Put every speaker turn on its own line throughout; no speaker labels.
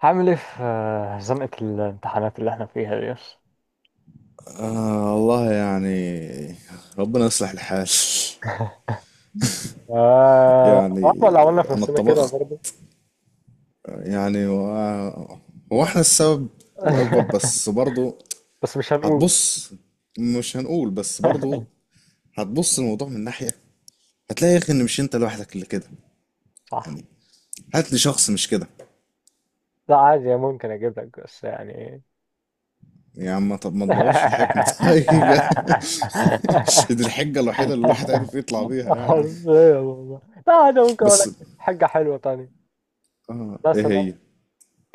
هعمل ايه في زنقة الامتحانات اللي احنا فيها دي بس.
آه والله يعني، ربنا يصلح الحال.
آه،
يعني
احنا اللي عملنا في
انا
نفسنا كده
اتطبخت
برضه.
يعني هو احنا السبب الاكبر بس برضو.
بس مش هنقول.
هتبص، مش هنقول بس برضو. هتبص الموضوع من ناحية، هتلاقي يا اخي ان مش انت لوحدك اللي كده
صح.
يعني. هات لي شخص مش كده.
لا عادي ممكن اجيب لك بس يعني.
يا عم طب ما تبوظش الحكمة. طيب. دي الحجة الوحيدة اللي الواحد عارف يطلع بيها يعني.
حرفيا والله. لا عادي ممكن اقول
بس
لك حاجة حلوة تانية.
اه ايه
مثلا
هي؟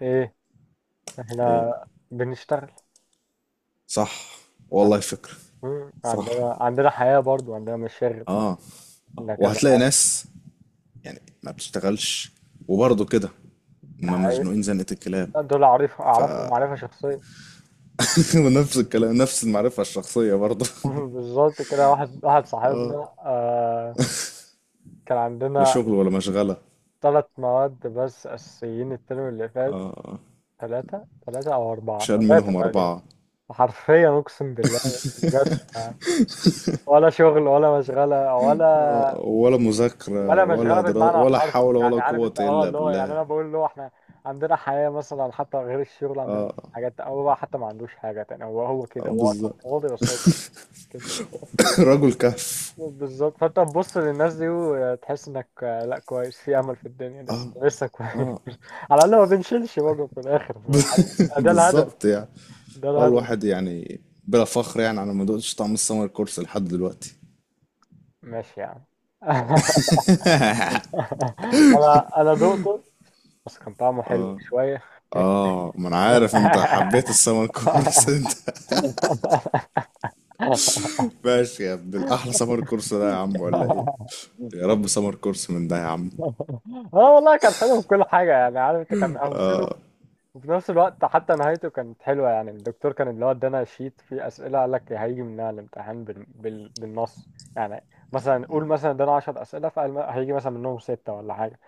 ايه؟ احنا
ايه؟
بنشتغل
صح،
عن-
والله فكرة. صح.
عندنا حياة برضه، عندنا مشاغل،
اه،
عندنا كذا
وهتلاقي
حاجة.
ناس يعني ما بتشتغلش وبرضه كده، ما
ده
مزنوقين زنقة الكلاب.
دول أعرف
ف
أعرفهم معرفة شخصية.
ونفس الكلام، نفس المعرفة الشخصية برضه.
بالظبط كده. واحد واحد صاحبنا كان
لا
عندنا
شغل ولا مشغلة.
ثلاث مواد بس أساسيين الترم اللي فات، ثلاثة ثلاثة أو أربعة
شال
ثلاثة
منهم
تقريبا.
أربعة.
حرفيا أقسم بالله مش مجازفة يعني. ولا شغل ولا مشغلة ولا
ولا مذاكرة
ولا مشغلة
ولا دراسة
بالمعنى
ولا
الحرفي.
حول ولا
يعني عارف
قوة
أنت، أه
إلا
اللي هو يعني
بالله.
أنا بقول له إحنا عندنا حياة مثلا، حتى غير الشغل عندنا حاجات. أو هو بقى حتى ما عندوش حاجة تاني، هو كده، هو أصلا
بالظبط.
فاضي بس هو كده.
رجل كهف.
بالظبط. فانت تبص للناس دي وتحس انك، لا كويس، في امل في الدنيا لسه، لسه كويس.
اه.
على الاقل ما بنشيلش برضه في الاخر. عارف، ده الهدف،
بالظبط يعني.
ده
اه
الهدف.
الواحد يعني بلا فخر يعني انا ما دقتش طعم السمر كورس لحد دلوقتي.
ماشي يعني. انا دقته بس كان طعمه حلو شويه.
اه ما انا عارف انت حبيت السمر كورس. انت ماشي يا ابن الاحلى. سمر كورس ده يا عم ولا ايه؟ يا رب سمر كورس من ده يا عم.
اه والله كان حلو في كل حاجه. يعني عارف انت، كان امثله، وفي نفس الوقت حتى نهايته كانت حلوة. يعني الدكتور كان اللي هو ادانا شيت فيه أسئلة، قال لك هيجي منها الامتحان بالنص، يعني مثلا قول مثلا ادانا 10 أسئلة، فقال هيجي مثلا منهم ستة ولا حاجة.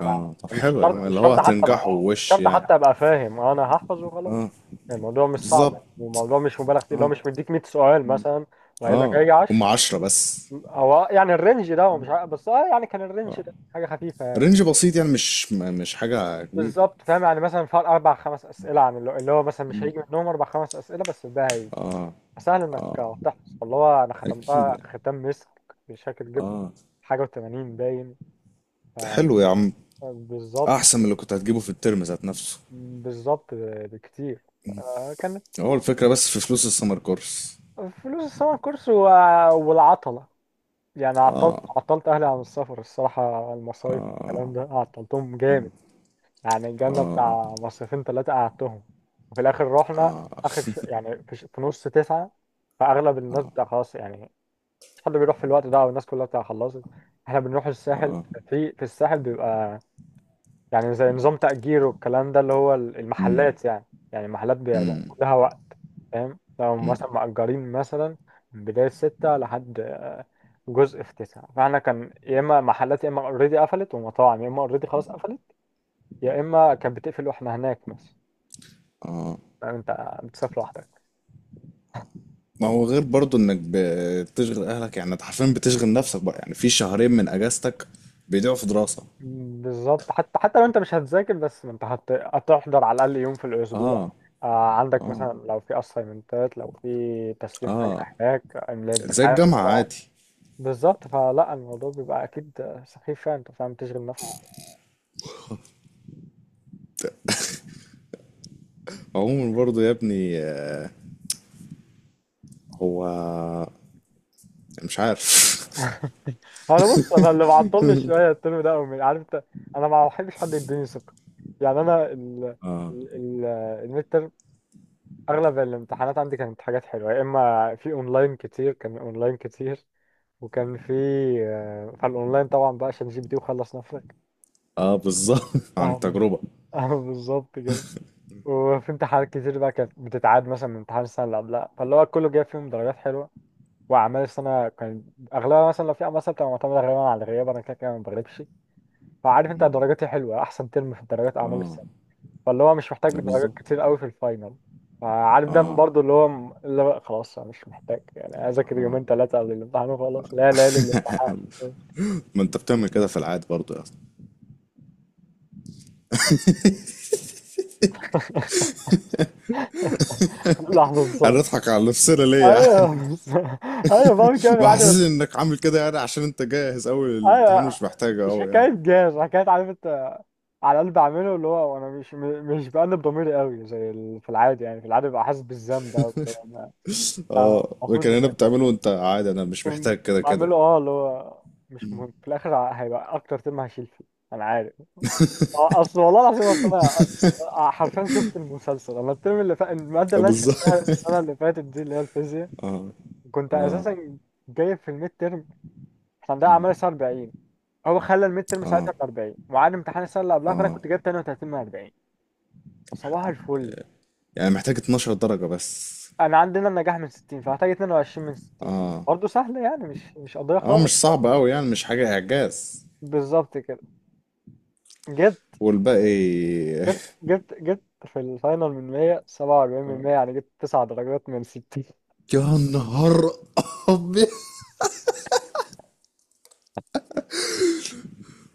اه طب
مش
حلو يا عم،
شرط مش
اللي هو
شرط حتى ابقى،
هتنجحوا
مش
وش
شرط
يعني.
حتى ابقى فاهم، انا هحفظ وخلاص. يعني الموضوع مش
بالظبط.
صعب، والموضوع مش مبالغ فيه، اللي هو
اه.
مش مديك 100 سؤال مثلا وقايل لك
اه
هيجي
هم
10.
عشرة بس.
هو يعني الرينج ده هو مش عارف، بس اه يعني كان الرينج
اه،
ده حاجة خفيفة يعني.
رينج بسيط يعني مش حاجة كبيرة.
بالظبط. فاهم يعني مثلا فرق اربع خمس اسئله عن اللي هو مثلا مش هيجي منهم اربع خمس اسئله، بس ده هيجي سهل انك تحفظ. فاللي هو انا
اكيد
ختمتها
يعني.
ختام مسك. مش فاكر جبت حاجه و80 باين. ف-
حلو يا عم،
بالظبط،
احسن من اللي كنت هتجيبه في الترم ذات نفسه.
بالظبط بكتير. كانت
هو الفكرة بس في فلوس السمر كورس.
فلوس السمر كورس والعطله. يعني عطلت اهلي عن السفر الصراحه، المصايف الكلام ده عطلتهم جامد. يعني الجنة بتاع مصيفين ثلاثة قعدتهم، وفي الآخر رحنا آخر يعني في, ش... في نص تسعة، فأغلب الناس بتاع خلاص يعني، مش حد بيروح في الوقت ده، أو الناس كلها بتاع خلصت. إحنا بنروح الساحل. في الساحل بيبقى يعني زي نظام تأجير والكلام ده، اللي هو
امم،
المحلات يعني. يعني المحلات بيبقى زي كلها وقت. فاهم لو مثلا مأجرين مثلا من بداية ستة لحد جزء في تسعة، فاحنا كان يا إما محلات يا إما أوريدي قفلت، ومطاعم يا إما أوريدي خلاص قفلت، يا اما كانت بتقفل واحنا هناك مثلا. فاهم انت بتسافر لوحدك.
ما هو غير برضو انك بتشغل اهلك، يعني انت حرفيا بتشغل نفسك بقى، يعني في شهرين من اجازتك بيضيعوا في دراسة.
بالظبط. حتى لو انت مش هتذاكر، بس ما انت هتحضر على الاقل يوم في
اه.
الاسبوع، آه، عندك
اه
مثلا لو في اسايمنتات، لو في تسليم حاجه، هناك املاء
زي
امتحان
الجامعة
طبعا.
عادي.
بالظبط. فلا الموضوع بيبقى اكيد سخيف فعلا، انت فاهم تشغل نفسك.
عموما برضو يا ابني، هو مش عارف.
انا بص، انا اللي معطلني شويه الترم ده أوي، عارف انت. انا ما بحبش حد يديني ثقه. يعني انا ال ال- الميد، اغلب الامتحانات عندي كانت حاجات حلوه، يا اما في اونلاين كتير، كان اونلاين كتير وكان في، فالاونلاين طبعا بقى عشان جي بي تي وخلص نفسك.
اه بالظبط. عن
فاهمة.
تجربة.
اه بالظبط كده. وفي امتحانات كتير بقى كانت بتتعاد مثلا من امتحان السنه اللي قبلها، فاللي هو كله جايب فيهم درجات حلوه. واعمال السنه كان اغلبها مثلا لو في اعمال سنه بتبقى معتمده غالبا على الغياب، انا كده كده ما بغلبش. فعارف انت درجاتي حلوه، احسن ترم في الدرجات اعمال، فاللي هو مش محتاج درجات
بالظبط.
كتير قوي في الفاينل. فعارف ده
اه.
برضو اللي هو اللي هو خلاص انا مش محتاج يعني اذاكر يومين ثلاثه قبل الامتحان وخلاص، لا لا للامتحان.
ما انت بتعمل كده في العادي برضو يا اسطى.
لحظه
انا
صمت.
اضحك على نفسنا ليه يعني.
ايوه بس، ايوه بعمل كده في العادي
بحسس
بس.
انك عامل كده يعني عشان انت جاهز اوي، الامتحان
ايوه
مش محتاجه
مش
اوي
حكايه
يعني.
جاز، حكايه عارف انت، على قلب بعمله، اللي هو انا مش بأنب ضميري قوي زي في العادي. يعني في العادي ببقى حاسس بالذنب قوي اللي هو أنا
اه
المفروض،
لكن
بس
هنا بتعمله وانت عادي، انا مش
لكن
محتاج كده كده.
بعمله اه اللي هو مش مهم. في الاخر هيبقى اكتر ترم هشيل فيه، انا عارف. اصل والله العظيم، اصل انا حرفيا شفت المسلسل، انا الترم اللي فات الماده اللي انا
بالظبط.
شفتها السنه اللي فاتت دي اللي هي الفيزياء، كنت اساسا جايب في الميد ترم، احنا عندنا اعمال الساعه 40، هو خلى الميد ترم ساعتها
اه.
ب 40، وعاد امتحان السنه اللي قبلها، فانا
اه
كنت جايب 32 من 40. صباح الفل.
يعني محتاج 12 درجة بس.
انا عندنا النجاح من 60، فهحتاج 22 من 60.
اه.
برضه سهل يعني، مش قضيه
اه
خالص.
مش صعب قوي يعني، مش حاجة اعجاز.
بالظبط كده. جبت
والباقي.
جبت في الفاينل من 100 47 من 100، يعني جبت 9 درجات من 60.
يا نهار ابيض،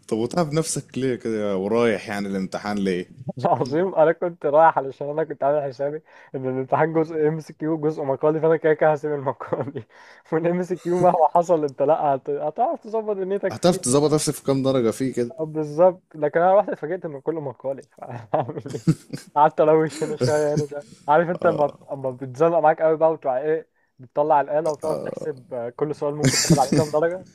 طب وتعب نفسك ليه كده ورايح يعني الامتحان ليه؟
عظيم. انا كنت رايح علشان انا كنت عامل حسابي ان الامتحان جزء ام اس كيو جزء مقالي، فانا كده كده هسيب المقالي، والام اس كيو مهما حصل انت لا هتعرف تظبط دنيتك
هتعرف
فيه.
تظبط نفسك في كام درجة فيه كده.
بالظبط. لكن انا رحت اتفاجئت ان كله مقالي. فاعمل ايه، قعدت الوش هنا شويه هنا شويه، عارف انت، اما بتزنق معاك قوي بقى، وتروح ايه، بتطلع الاله وتقعد تحسب كل سؤال ممكن تاخد عليه كام درجه.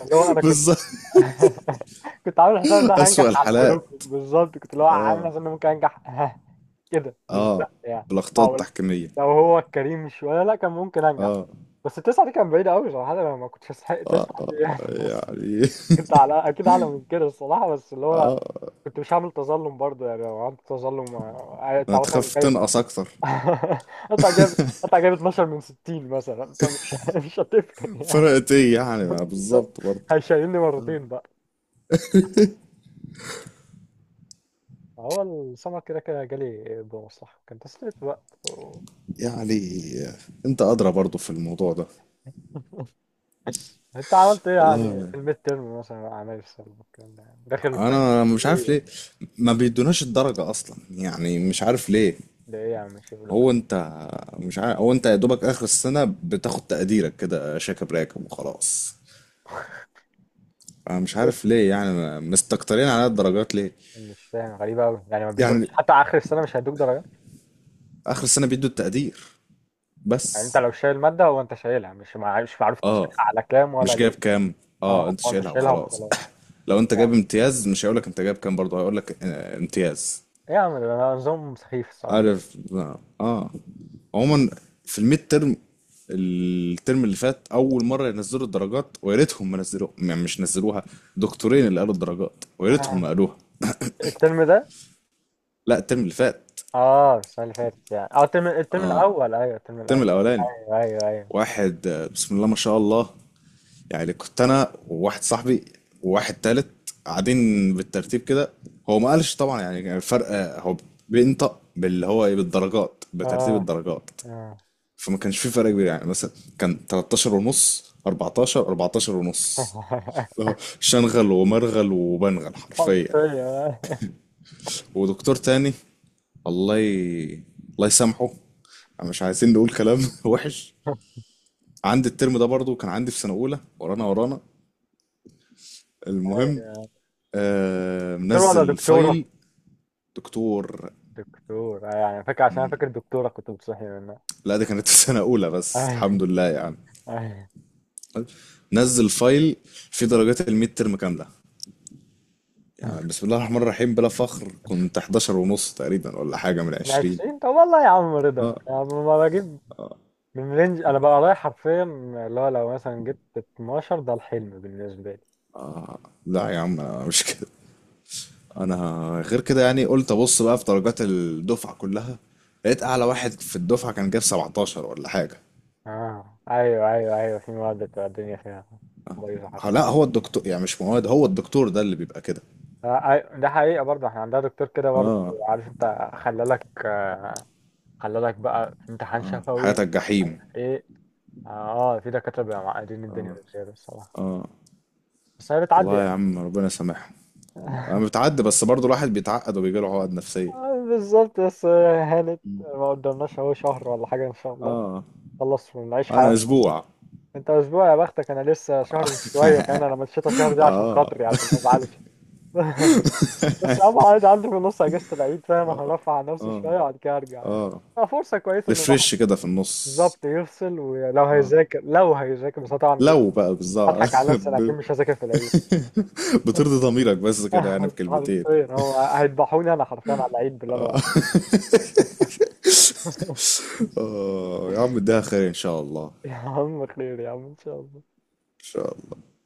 اللي هو انا كنت
بالظبط،
كنت عامل حساب ان انا
اسوأ
هنجح على الحروف.
الحالات.
بالظبط كنت اللي هو عامل حساب ان أنا ممكن انجح. كده مش
اه،
ده يعني.
بالاخطاء
او
التحكيمية.
لو هو الكريم شويه لا كان ممكن انجح،
اه
بس التسعه دي كان بعيده قوي صراحه، انا ما كنتش استحق تسعه دي يعني. بس
يعني.
كنت على اكيد اعلى من كده الصراحه، بس اللي هو كنت مش هعمل تظلم برضه يعني. لو عملت تظلم انت مثلا
هتخاف
جايب
تنقص اكتر.
قطع جايب قطع جايب 12 من 60 مثلا، فمش مش هتفرق يعني.
فرقت ايه يعني، ما
بالظبط.
بالظبط برضه.
هيشيلني مرتين بقى. هو السمر كده كده جالي بمصلحة، كان تسلية وقت.
يعني انت ادرى برضو في الموضوع ده.
انت عملت ايه يعني في
والله
الميد تيرم مثلا مع اعمال السنه والكلام ده يعني؟ داخل فاهم
انا
في
مش
ايه
عارف
يعني؟
ليه. ما بيدوناش الدرجة اصلا، يعني مش عارف ليه.
ده ايه يا عم الشغل ده؟
هو انت مش عارف، هو انت يا دوبك اخر السنة بتاخد تقديرك كده شاكب راكب وخلاص. انا مش
إيه؟
عارف ليه يعني مستكترين على الدرجات ليه.
مش فاهم. غريبه قوي يعني، ما بيدوكش
يعني
حتى اخر السنه مش هيدوك درجات؟
اخر السنة بيدوا التقدير
يعني انت
بس.
لو شايل ماده، هو انت شايلها مش مش معروف أنت
اه
شايلها على كام ولا
مش جايب
ليه؟
كام. اه
اه
انت
هو انت
شايلها
شايلها
وخلاص.
وخلاص
لو انت
يعني.
جايب امتياز مش هيقولك انت جايب كام، برضه هيقولك امتياز.
ايه يا عم ده، أنا نظام سخيف الصراحه.
عارف. اه. عموما، في الميد ترم الترم اللي فات اول مره ينزلوا الدرجات، ويا ريتهم ما نزلوها يعني، مش نزلوها. دكتورين اللي قالوا الدرجات ويا ريتهم ما
آه.
قالوها.
الترم ده؟
لا الترم اللي فات،
اه السنه اللي فاتت يعني، اه الترم الاول، ايوه الترم
الترم
الاول.
الاولاني.
ايوه ايوه ايوه.
واحد، بسم الله ما شاء الله، يعني كنت انا وواحد صاحبي وواحد تالت قاعدين بالترتيب كده. هو ما قالش طبعا يعني، كان الفرق هو بينطق باللي هو إيه، بالدرجات بترتيب
اه
الدرجات.
اه.
فما كانش في فرق كبير يعني، مثلا كان 13 ونص، 14، 14 ونص، اللي هو شنغل ومرغل وبنغل حرفيا.
حرفيا.
ودكتور تاني، الله ي... الله يسامحه، مش عايزين نقول كلام وحش. عندي الترم ده برضو، كان عندي في سنة أولى ورانا ورانا. المهم
أيوة.
آه
دكتور ولا
منزل فايل.
دكتورة؟
دكتور.
دكتور يعني فاكر، عشان أنا فاكر دكتورة كنت بتصحي منها.
لا ده كانت في سنة أولى بس
آه،
الحمد لله يعني.
آه.
نزل فايل فيه درجات الميد ترم كاملة، يعني بسم الله الرحمن الرحيم بلا فخر كنت 11 ونص تقريبا ولا حاجة من
من
20.
20؟ طب والله يا عم رضا، يعني ما بجيب من رينج انا بقى رايح حرفيا، اللي هو لو مثلا جبت 12 ده الحلم بالنسبة لي.
لا يا عم انا مش كده، انا غير كده يعني. قلت ابص بقى في درجات الدفعة كلها، لقيت اعلى واحد في الدفعة كان جاب 17 ولا حاجة.
اه ايوه ايوه ايوه، في مواد بتبقى الدنيا فيها بايظة
ها، لا
حرفيا.
هو الدكتور يعني، مش مواد، هو الدكتور ده اللي بيبقى كده.
ده حقيقة برضه احنا عندنا دكتور كده برضه.
اه.
عارف انت، خلالك بقى في امتحان
اه
شفوي
حياتك
مش عارف
جحيم.
ايه. اه في دكاترة بيبقوا معقدين الدنيا بزيادة الصراحة، بس هي بتعدي
والله يا
يعني.
عم ربنا يسامحهم. انا بتعدي بس برضه الواحد بيتعقد وبيجيله عقد نفسية.
بالظبط. بس هانت، ما قدامناش اهو شهر ولا حاجة ان شاء الله،
اه.
خلص ونعيش
انا
حياتنا.
اسبوع.
انت اسبوع يا بختك، انا لسه شهر شوية كمان، انا مشيت شهر دي عشان خاطري عشان ما ازعلش. بس يا عم عادي، عندي في النص اجازة العيد فاهم، هرفع عن نفسي شوية وبعد كده ارجع يعني. فرصة كويسة ان الواحد
ريفرش كده في النص.
بالظبط يفصل، ولو هيذاكر لو هيذاكر، بس أنا طبعا
لو بقى بالظبط.
هضحك على نفسي، انا اكيد مش هذاكر في العيد.
بترضي ضميرك بس كده يعني بكلمتين.
حرفيا هو هيذبحوني انا حرفيا على العيد باللي انا بعمله.
اه يا عم اديها خير ان شاء الله.
يا عم خير يا عم ان شاء الله.
ان شاء الله.